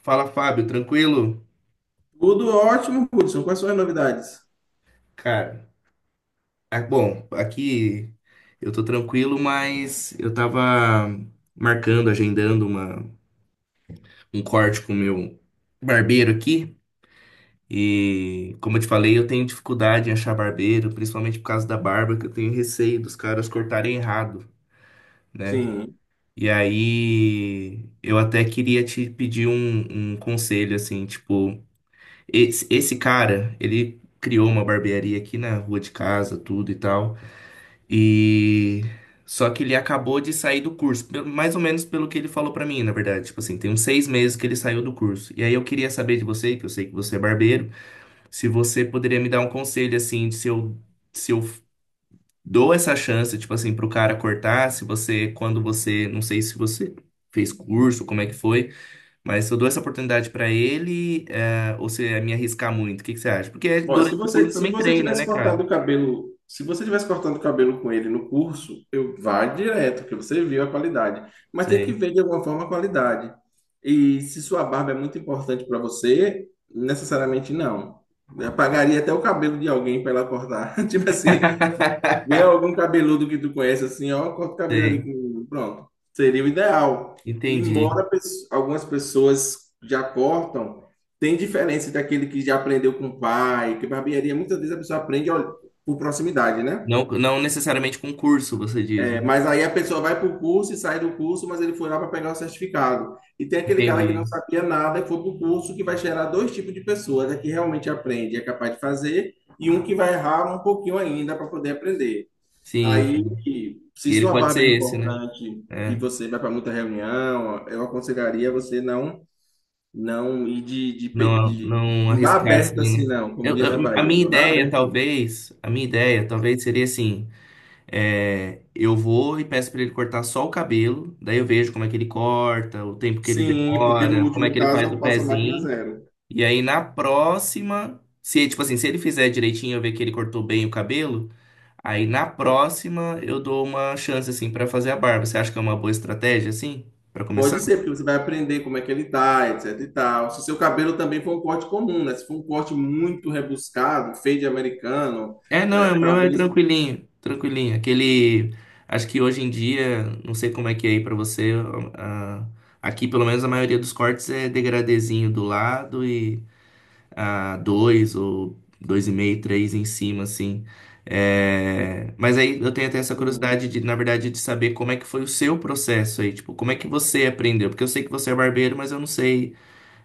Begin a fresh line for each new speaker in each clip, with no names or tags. Fala, Fábio, tranquilo?
Tudo ótimo, Hudson. Quais são as novidades?
Cara, ah, bom, aqui eu tô tranquilo, mas eu tava marcando, agendando um corte com o meu barbeiro aqui. E, como eu te falei, eu tenho dificuldade em achar barbeiro, principalmente por causa da barba, que eu tenho receio dos caras cortarem errado, né?
Sim.
E aí, eu até queria te pedir um conselho, assim, tipo, esse cara, ele criou uma barbearia aqui na rua de casa, tudo e tal. E só que ele acabou de sair do curso, mais ou menos pelo que ele falou pra mim, na verdade. Tipo assim, tem uns 6 meses que ele saiu do curso. E aí eu queria saber de você, que eu sei que você é barbeiro, se você poderia me dar um conselho assim, de se eu dou essa chance, tipo assim, pro cara cortar, se você, quando você, não sei se você fez curso, como é que foi, mas se eu dou essa oportunidade pra ele, ou se é me arriscar muito, o que que você acha? Porque
Ó, se
durante o
você,
curso
se
também
você
treina,
tivesse
né,
cortado
cara?
o cabelo, se você tivesse cortando o cabelo com ele no curso, eu vá direto, porque você viu a qualidade. Mas tem que
Sei.
ver de alguma forma a qualidade. E se sua barba é muito importante para você, necessariamente não. Eu pagaria até o cabelo de alguém para ela cortar. Tipo assim, vê algum cabeludo que tu conhece assim, ó, corta o cabelo ali
Sei.
comigo. Pronto. Seria o ideal.
Entendi.
Embora algumas pessoas já cortam, tem diferença daquele que já aprendeu com o pai, que barbearia, muitas vezes a pessoa aprende, ó, por proximidade, né?
Não, não necessariamente concurso, você diz, né?
É, mas aí a pessoa vai para o curso e sai do curso, mas ele foi lá para pegar o certificado. E tem aquele cara que
Entendi.
não sabia nada e foi para o curso, que vai gerar dois tipos de pessoas: é que realmente aprende e é capaz de fazer, e um que vai errar um pouquinho ainda para poder aprender.
Sim,
Aí,
sim.
se
E ele
sua
pode
barba é
ser esse, né?
importante e
É,
você vai para muita reunião, eu aconselharia você não ir
não, não
não vá
arriscar
aberto
assim,
assim
né?
não, como diz na
A
Bahia,
minha
não vá
ideia,
aberto. Não.
talvez, a minha ideia, talvez seria assim, é, eu vou e peço para ele cortar só o cabelo, daí eu vejo como é que ele corta, o tempo que ele
Sim, porque no
demora, como é
último
que ele faz o
caso passa a máquina
pezinho.
zero.
E aí na próxima, se tipo assim, se ele fizer direitinho, eu ver que ele cortou bem o cabelo, aí na próxima eu dou uma chance assim pra fazer a barba. Você acha que é uma boa estratégia assim pra começar?
Pode ser, porque você vai aprender como é que ele tá, etc e tal. Se seu cabelo também for um corte comum, né? Se for um corte muito rebuscado, feio de americano,
É, não,
né?
é o meu é
Talvez.
tranquilinho, tranquilinho. Aquele, acho que hoje em dia, não sei como é que é aí pra você, a- aqui pelo menos a maioria dos cortes é degradezinho do lado e a dois ou dois e meio, três em cima, assim. É, mas aí eu tenho até essa
Sim.
curiosidade de, na verdade, de saber como é que foi o seu processo aí, tipo, como é que você aprendeu? Porque eu sei que você é barbeiro, mas eu não sei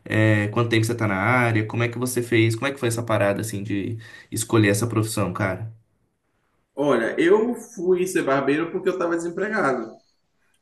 quanto tempo você tá na área, como é que você fez, como é que foi essa parada assim de escolher essa profissão, cara?
Olha, eu fui ser barbeiro porque eu estava desempregado.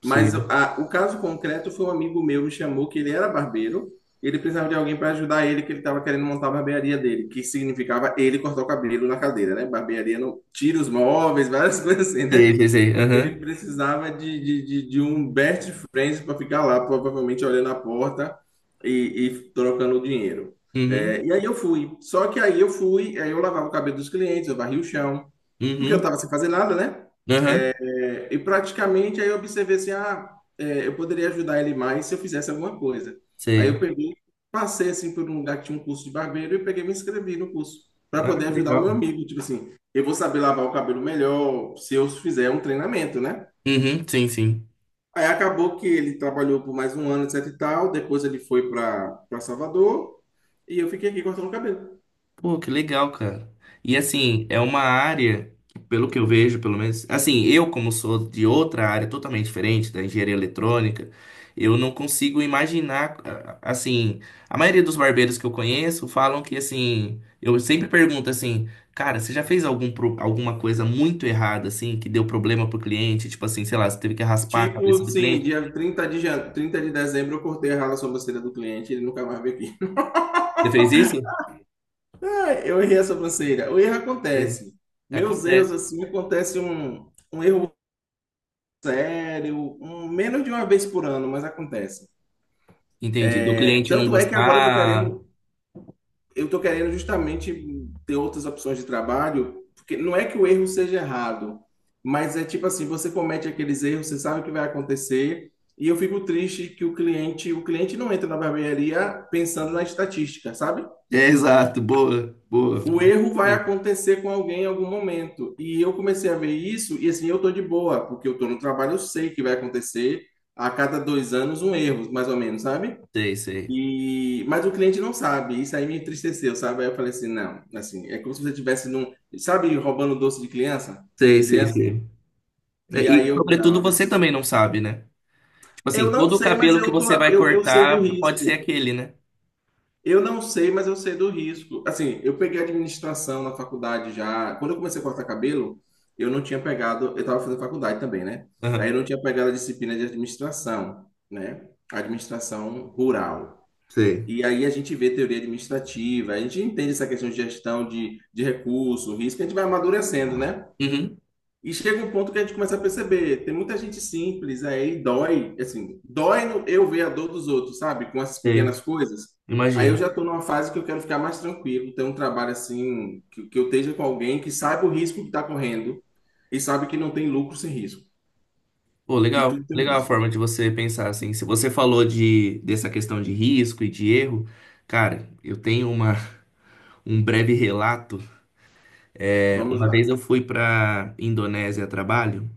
Mas
Sei.
o caso concreto foi um amigo meu me chamou, que ele era barbeiro, ele precisava de alguém para ajudar ele, que ele estava querendo montar a barbearia dele, que significava ele cortar o cabelo na cadeira, né? Barbearia não tira os móveis, várias coisas assim,
Sei,
né?
sei, sei. Aham.
Ele precisava de um best friend para ficar lá, provavelmente olhando a porta e trocando o dinheiro.
Uhum.
É, e aí eu fui. Só que aí eu fui, aí eu lavava o cabelo dos clientes, eu varria o chão, porque eu
Uhum.
estava sem fazer nada, né?
Aham.
É, e praticamente aí eu observei assim, ah, é, eu poderia ajudar ele mais se eu fizesse alguma coisa. Aí
Sei.
eu peguei, passei assim por um lugar que tinha um curso de barbeiro e peguei e me inscrevi no curso para
Ah,
poder
que
ajudar o meu
legal.
amigo. Tipo assim, eu vou saber lavar o cabelo melhor se eu fizer um treinamento, né?
Uhum. Sim, sim.
Aí acabou que ele trabalhou por mais um ano, etc e tal. Depois ele foi para Salvador e eu fiquei aqui cortando o cabelo.
Pô, que legal, cara. E assim, é uma área, pelo que eu vejo, pelo menos, assim, eu como sou de outra área totalmente diferente, da engenharia eletrônica, eu não consigo imaginar, assim, a maioria dos barbeiros que eu conheço falam que, assim, eu sempre pergunto assim, cara, você já fez alguma coisa muito errada, assim, que deu problema pro cliente? Tipo assim, sei lá, você teve que raspar a cabeça
Tipo,
do
sim,
cliente.
dia 30 de dezembro eu cortei a rala sobrancelha do cliente, ele nunca mais veio aqui.
Você fez isso?
Eu errei a sobrancelha. O erro
Sim.
acontece. Meus erros,
Acontece.
assim, acontece um erro sério, um, menos de uma vez por ano, mas acontece.
Entendi. Do
É,
cliente não
tanto é que agora eu tô
gostar.
querendo, eu tô querendo justamente ter outras opções de trabalho, porque não é que o erro seja errado, mas é tipo assim, você comete aqueles erros, você sabe o que vai acontecer, e eu fico triste que o cliente não entra na barbearia pensando na estatística, sabe?
É, exato, boa, boa,
O
boa
erro vai
também.
acontecer com alguém em algum momento. E eu comecei a ver isso, e assim, eu tô de boa, porque eu tô no trabalho, eu sei que vai acontecer a cada dois anos um erro, mais ou menos, sabe?
Sei, sei.
E, mas o cliente não sabe, isso aí me entristeceu, sabe? Aí eu falei assim, não, assim, é como se você tivesse num, sabe, roubando doce de criança,
Sei,
de
sei,
criança?
sei. É,
E
e,
aí eu, não,
sobretudo,
eu
você também
preciso,
não sabe, né? Tipo
eu
assim,
não
todo o
sei, mas
cabelo que
eu tô,
você vai
eu, eu sei do
cortar pode ser
risco.
aquele, né?
Eu não sei, mas eu sei do risco. Assim, eu peguei administração na faculdade já. Quando eu comecei a cortar cabelo, eu não tinha pegado. Eu estava fazendo faculdade também, né? Aí
Aham.
eu não tinha pegado a disciplina de administração, né? Administração rural.
Sei.
E aí a gente vê teoria administrativa, a gente entende essa questão de gestão de recurso, risco, a gente vai amadurecendo, né?
Uhum.
E chega um ponto que a gente começa a perceber, tem muita gente simples aí, dói, assim, dói no eu ver a dor dos outros, sabe? Com essas
Sei.
pequenas coisas. Aí eu
Imagino.
já estou numa fase que eu quero ficar mais tranquilo, ter um trabalho assim, que eu esteja com alguém que saiba o risco que está correndo e sabe que não tem lucro sem risco,
Pô,
que
legal.
tudo tem um
Legal a
risco.
forma de você pensar, assim. Se você falou de, dessa questão de risco e de erro, cara, eu tenho uma, um breve relato. É,
Vamos
uma vez eu
lá.
fui pra Indonésia a trabalho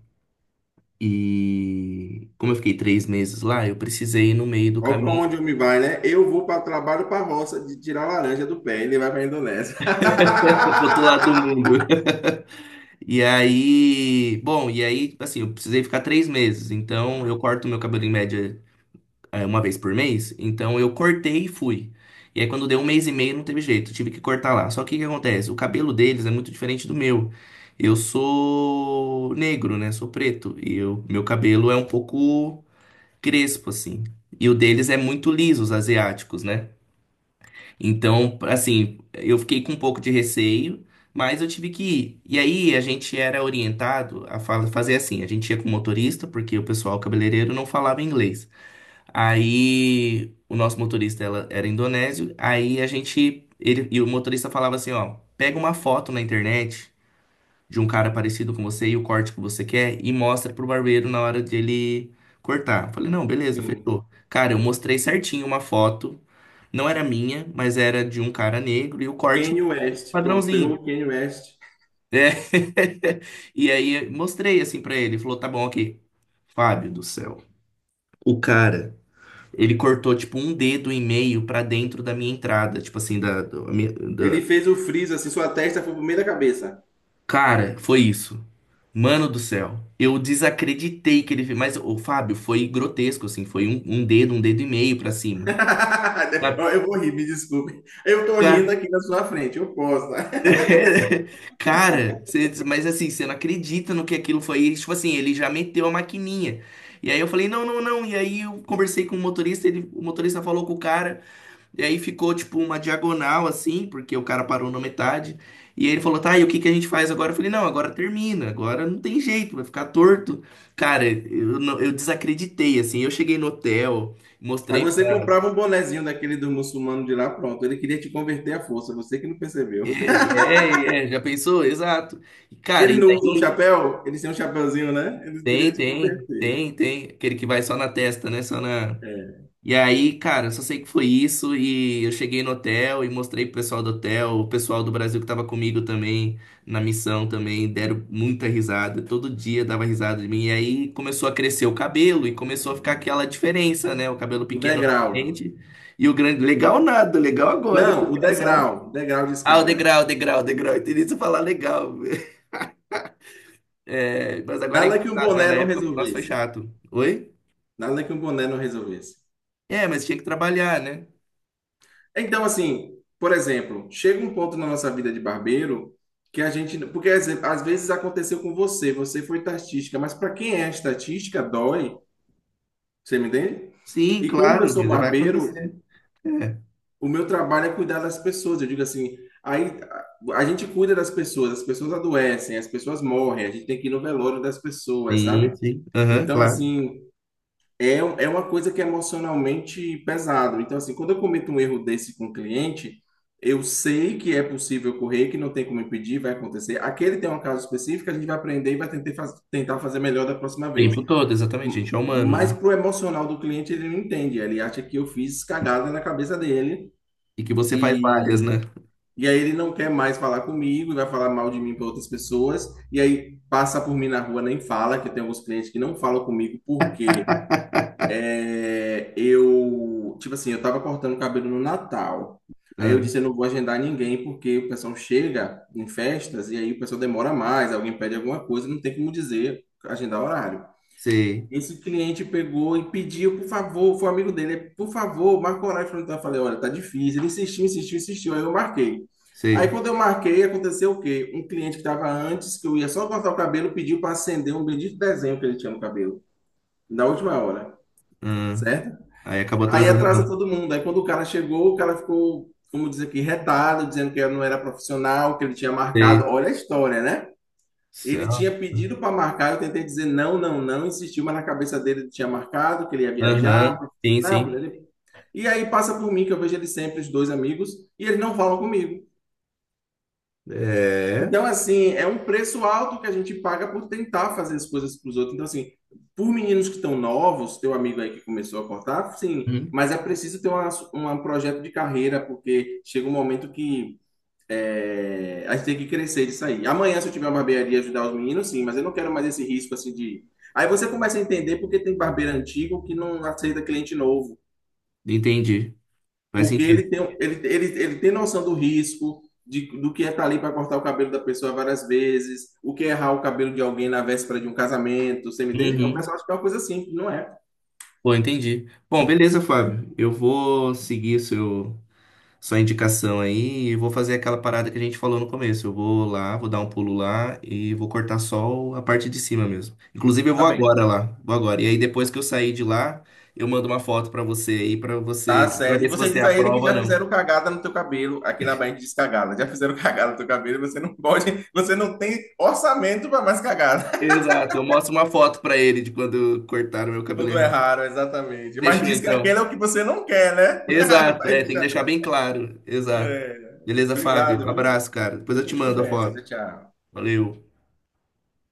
e, como eu fiquei 3 meses lá, eu precisei ir no meio do
Olha para
caminho
onde eu me vai, né? Eu vou para trabalho para roça de tirar laranja do pé, ele vai para a Indonésia.
pro outro lado do mundo. E aí, bom, e aí, assim, eu precisei ficar 3 meses. Então, eu corto meu cabelo em média uma vez por mês. Então, eu cortei e fui. E aí, quando deu um mês e meio, não teve jeito, tive que cortar lá. Só que o que acontece? O cabelo deles é muito diferente do meu. Eu sou negro, né? Sou preto. E eu, meu cabelo é um pouco crespo, assim. E o deles é muito liso, os asiáticos, né? Então, assim, eu fiquei com um pouco de receio, mas eu tive que ir. E aí a gente era orientado a fazer assim: a gente ia com o motorista, porque o pessoal cabeleireiro não falava inglês. Aí o nosso motorista ela, era indonésio, aí a gente. Ele, e o motorista falava assim: ó, pega uma foto na internet de um cara parecido com você e o corte que você quer e mostra pro barbeiro na hora dele cortar. Falei, não, beleza,
Sim.
fechou. Cara, eu mostrei certinho uma foto, não era minha, mas era de um cara negro e o corte
Kanye West, pronto, pegou
padrãozinho.
o Kanye West.
É. E aí mostrei assim pra ele, ele falou, tá bom, ok. Fábio do céu. O cara, ele cortou tipo um dedo e meio pra dentro da minha entrada, tipo assim, a da...
Ele fez o freeze assim, sua testa foi pro meio da cabeça.
Cara, foi isso. Mano do céu, eu desacreditei que ele fez. Mas o Fábio foi grotesco, assim, foi um dedo e meio pra cima.
Ó,
Sabe?
eu vou rir, me desculpe. Eu tô rindo
Cara,
aqui na sua frente, eu posso, tá?
mas assim, você não acredita no que aquilo foi. E, tipo assim, ele já meteu a maquininha. E aí eu falei, não, não, não. E aí eu conversei com o motorista, ele, o motorista falou com o cara. E aí ficou tipo uma diagonal assim, porque o cara parou na metade. E ele falou: "Tá, e o que que a gente faz agora?" Eu falei: "Não, agora termina. Agora não tem jeito, vai ficar torto". Cara, eu, não- eu desacreditei assim. Eu cheguei no hotel,
Aí
mostrei
você
pra...
comprava um bonezinho daquele do muçulmano de lá, pronto. Ele queria te converter à força, você que não percebeu.
é, é, é, já pensou? Exato. E,
Porque
cara,
eles
e
não usam
daí
chapéu, eles têm um chapéuzinho, né? Eles queriam te converter.
tem aquele que vai só na testa, né? Só na.
É.
E aí, cara, eu só sei que foi isso e eu cheguei no hotel e mostrei pro pessoal do hotel, o pessoal do Brasil que tava comigo também, na missão também, deram muita risada, todo dia dava risada de mim. E aí começou a crescer o cabelo e começou a ficar aquela diferença, né? O cabelo
O
pequeno na
degrau.
frente e o grande, legal nada, legal agora, que
Não, o
engraçado.
degrau, degrau de
Ah, o
escada.
degrau, degrau, o degrau, eu isso falar legal. É, mas agora é
Nada que um
engraçado, mas
boné
na
não
época, nossa, foi
resolvesse.
chato. Oi?
Nada que um boné não resolvesse.
É, mas tinha que trabalhar, né?
Então, assim, por exemplo, chega um ponto na nossa vida de barbeiro que a gente. Porque às vezes aconteceu com você, você foi estatística, mas para quem é estatística, dói, você me entende?
Sim,
E como eu
claro,
sou
mas vai
barbeiro,
acontecer. É.
o meu trabalho é cuidar das pessoas. Eu digo assim, aí a a gente cuida das pessoas, as pessoas adoecem, as pessoas morrem, a gente tem que ir no velório das pessoas,
Sim,
sabe?
sim. Aham,
Então,
claro.
assim, é, é uma coisa que é emocionalmente pesado. Então, assim, quando eu cometo um erro desse com o cliente, eu sei que é possível ocorrer, que não tem como impedir, vai acontecer. Aquele tem um caso específico, a gente vai aprender e vai tentar, tentar fazer melhor da próxima
O
vez.
tempo todo, exatamente. A gente é humano,
Mas
né?
pro emocional do cliente, ele não entende. Ele acha que eu fiz cagada na cabeça dele
E que você faz várias,
e,
né?
aí ele não quer mais falar comigo, e vai falar mal de mim para outras pessoas. E aí passa por mim na rua, nem fala, que tem alguns clientes que não falam comigo porque é, eu, tipo assim, eu tava cortando o cabelo no Natal. Aí eu
Ah,
disse, eu não vou agendar ninguém, porque o pessoal chega em festas e aí o pessoal demora mais, alguém pede alguma coisa, não tem como dizer, agendar horário.
sei,
Esse cliente pegou e pediu, por favor, foi um amigo dele, por favor, marca o horário pra mim. Então eu falei, olha, tá difícil. Ele insistiu, insistiu, insistiu, aí eu marquei. Aí
sei.
quando eu marquei, aconteceu o quê? Um cliente que tava antes, que eu ia só cortar o cabelo, pediu para acender um bendito desenho que ele tinha no cabelo, na última hora,
Ah,
certo?
aí acabou
Aí
atrasando
atrasa
uma.
todo mundo. Aí quando o cara chegou, o cara ficou, como diz aqui, retado, dizendo que não era profissional, que ele tinha marcado.
Sei.
Olha a história, né? Ele
Ah,
tinha pedido para marcar, eu tentei dizer não, não, não, insistiu, mas na cabeça dele ele tinha marcado, que ele ia viajar.
aham,
Pra...
sim,
Não,
sim.
ele... E aí passa por mim, que eu vejo ele sempre, os dois amigos, e eles não falam comigo.
É.
Então, assim, é um preço alto que a gente paga por tentar fazer as coisas para os outros. Então, assim, por meninos que estão novos, teu amigo aí que começou a cortar, sim,
Hum,
mas é preciso ter uma, um projeto de carreira, porque chega um momento que é, a gente tem que crescer disso aí. Amanhã, se eu tiver uma barbearia ajudar os meninos, sim, mas eu não quero mais esse risco, assim, de... Aí você começa a entender porque tem barbeiro antigo que não aceita cliente novo.
entendi. Faz
Porque
sentido.
ele tem, ele tem noção do risco, do que é estar ali para cortar o cabelo da pessoa várias vezes, o que é errar o cabelo de alguém na véspera de um casamento, você me entende? O
Uhum.
pessoal acha que é uma coisa simples, não é?
Pô, entendi. Bom, beleza, Fábio. Eu vou seguir seu, sua indicação aí e vou fazer aquela parada que a gente falou no começo. Eu vou lá, vou dar um pulo lá e vou cortar só a parte de cima mesmo. Inclusive, eu
Tá
vou agora
bem,
lá, vou agora. E aí, depois que eu sair de lá, eu mando uma foto pra você aí, pra
tá
você, para
sério. E
ver se
você
você
diz a ele que
aprova ou
já
não.
fizeram cagada no teu cabelo, aqui na Bahia a gente diz cagada, já fizeram cagada no teu cabelo, você não pode, você não tem orçamento para mais cagada.
Exato, eu mostro uma foto pra ele de quando cortaram meu cabelo
Quando
errado.
erraram, exatamente. Mas
Fechou
diz que aquele
então.
é o que você não quer, né?
Exato,
Vai
é, tem que
deixar-
deixar bem claro. Exato.
é,
Beleza, Fábio?
obrigado, viu?
Abraço, cara. Depois eu
Depois
te
a gente
mando a
conversa. Tchau,
foto.
tchau.
Valeu.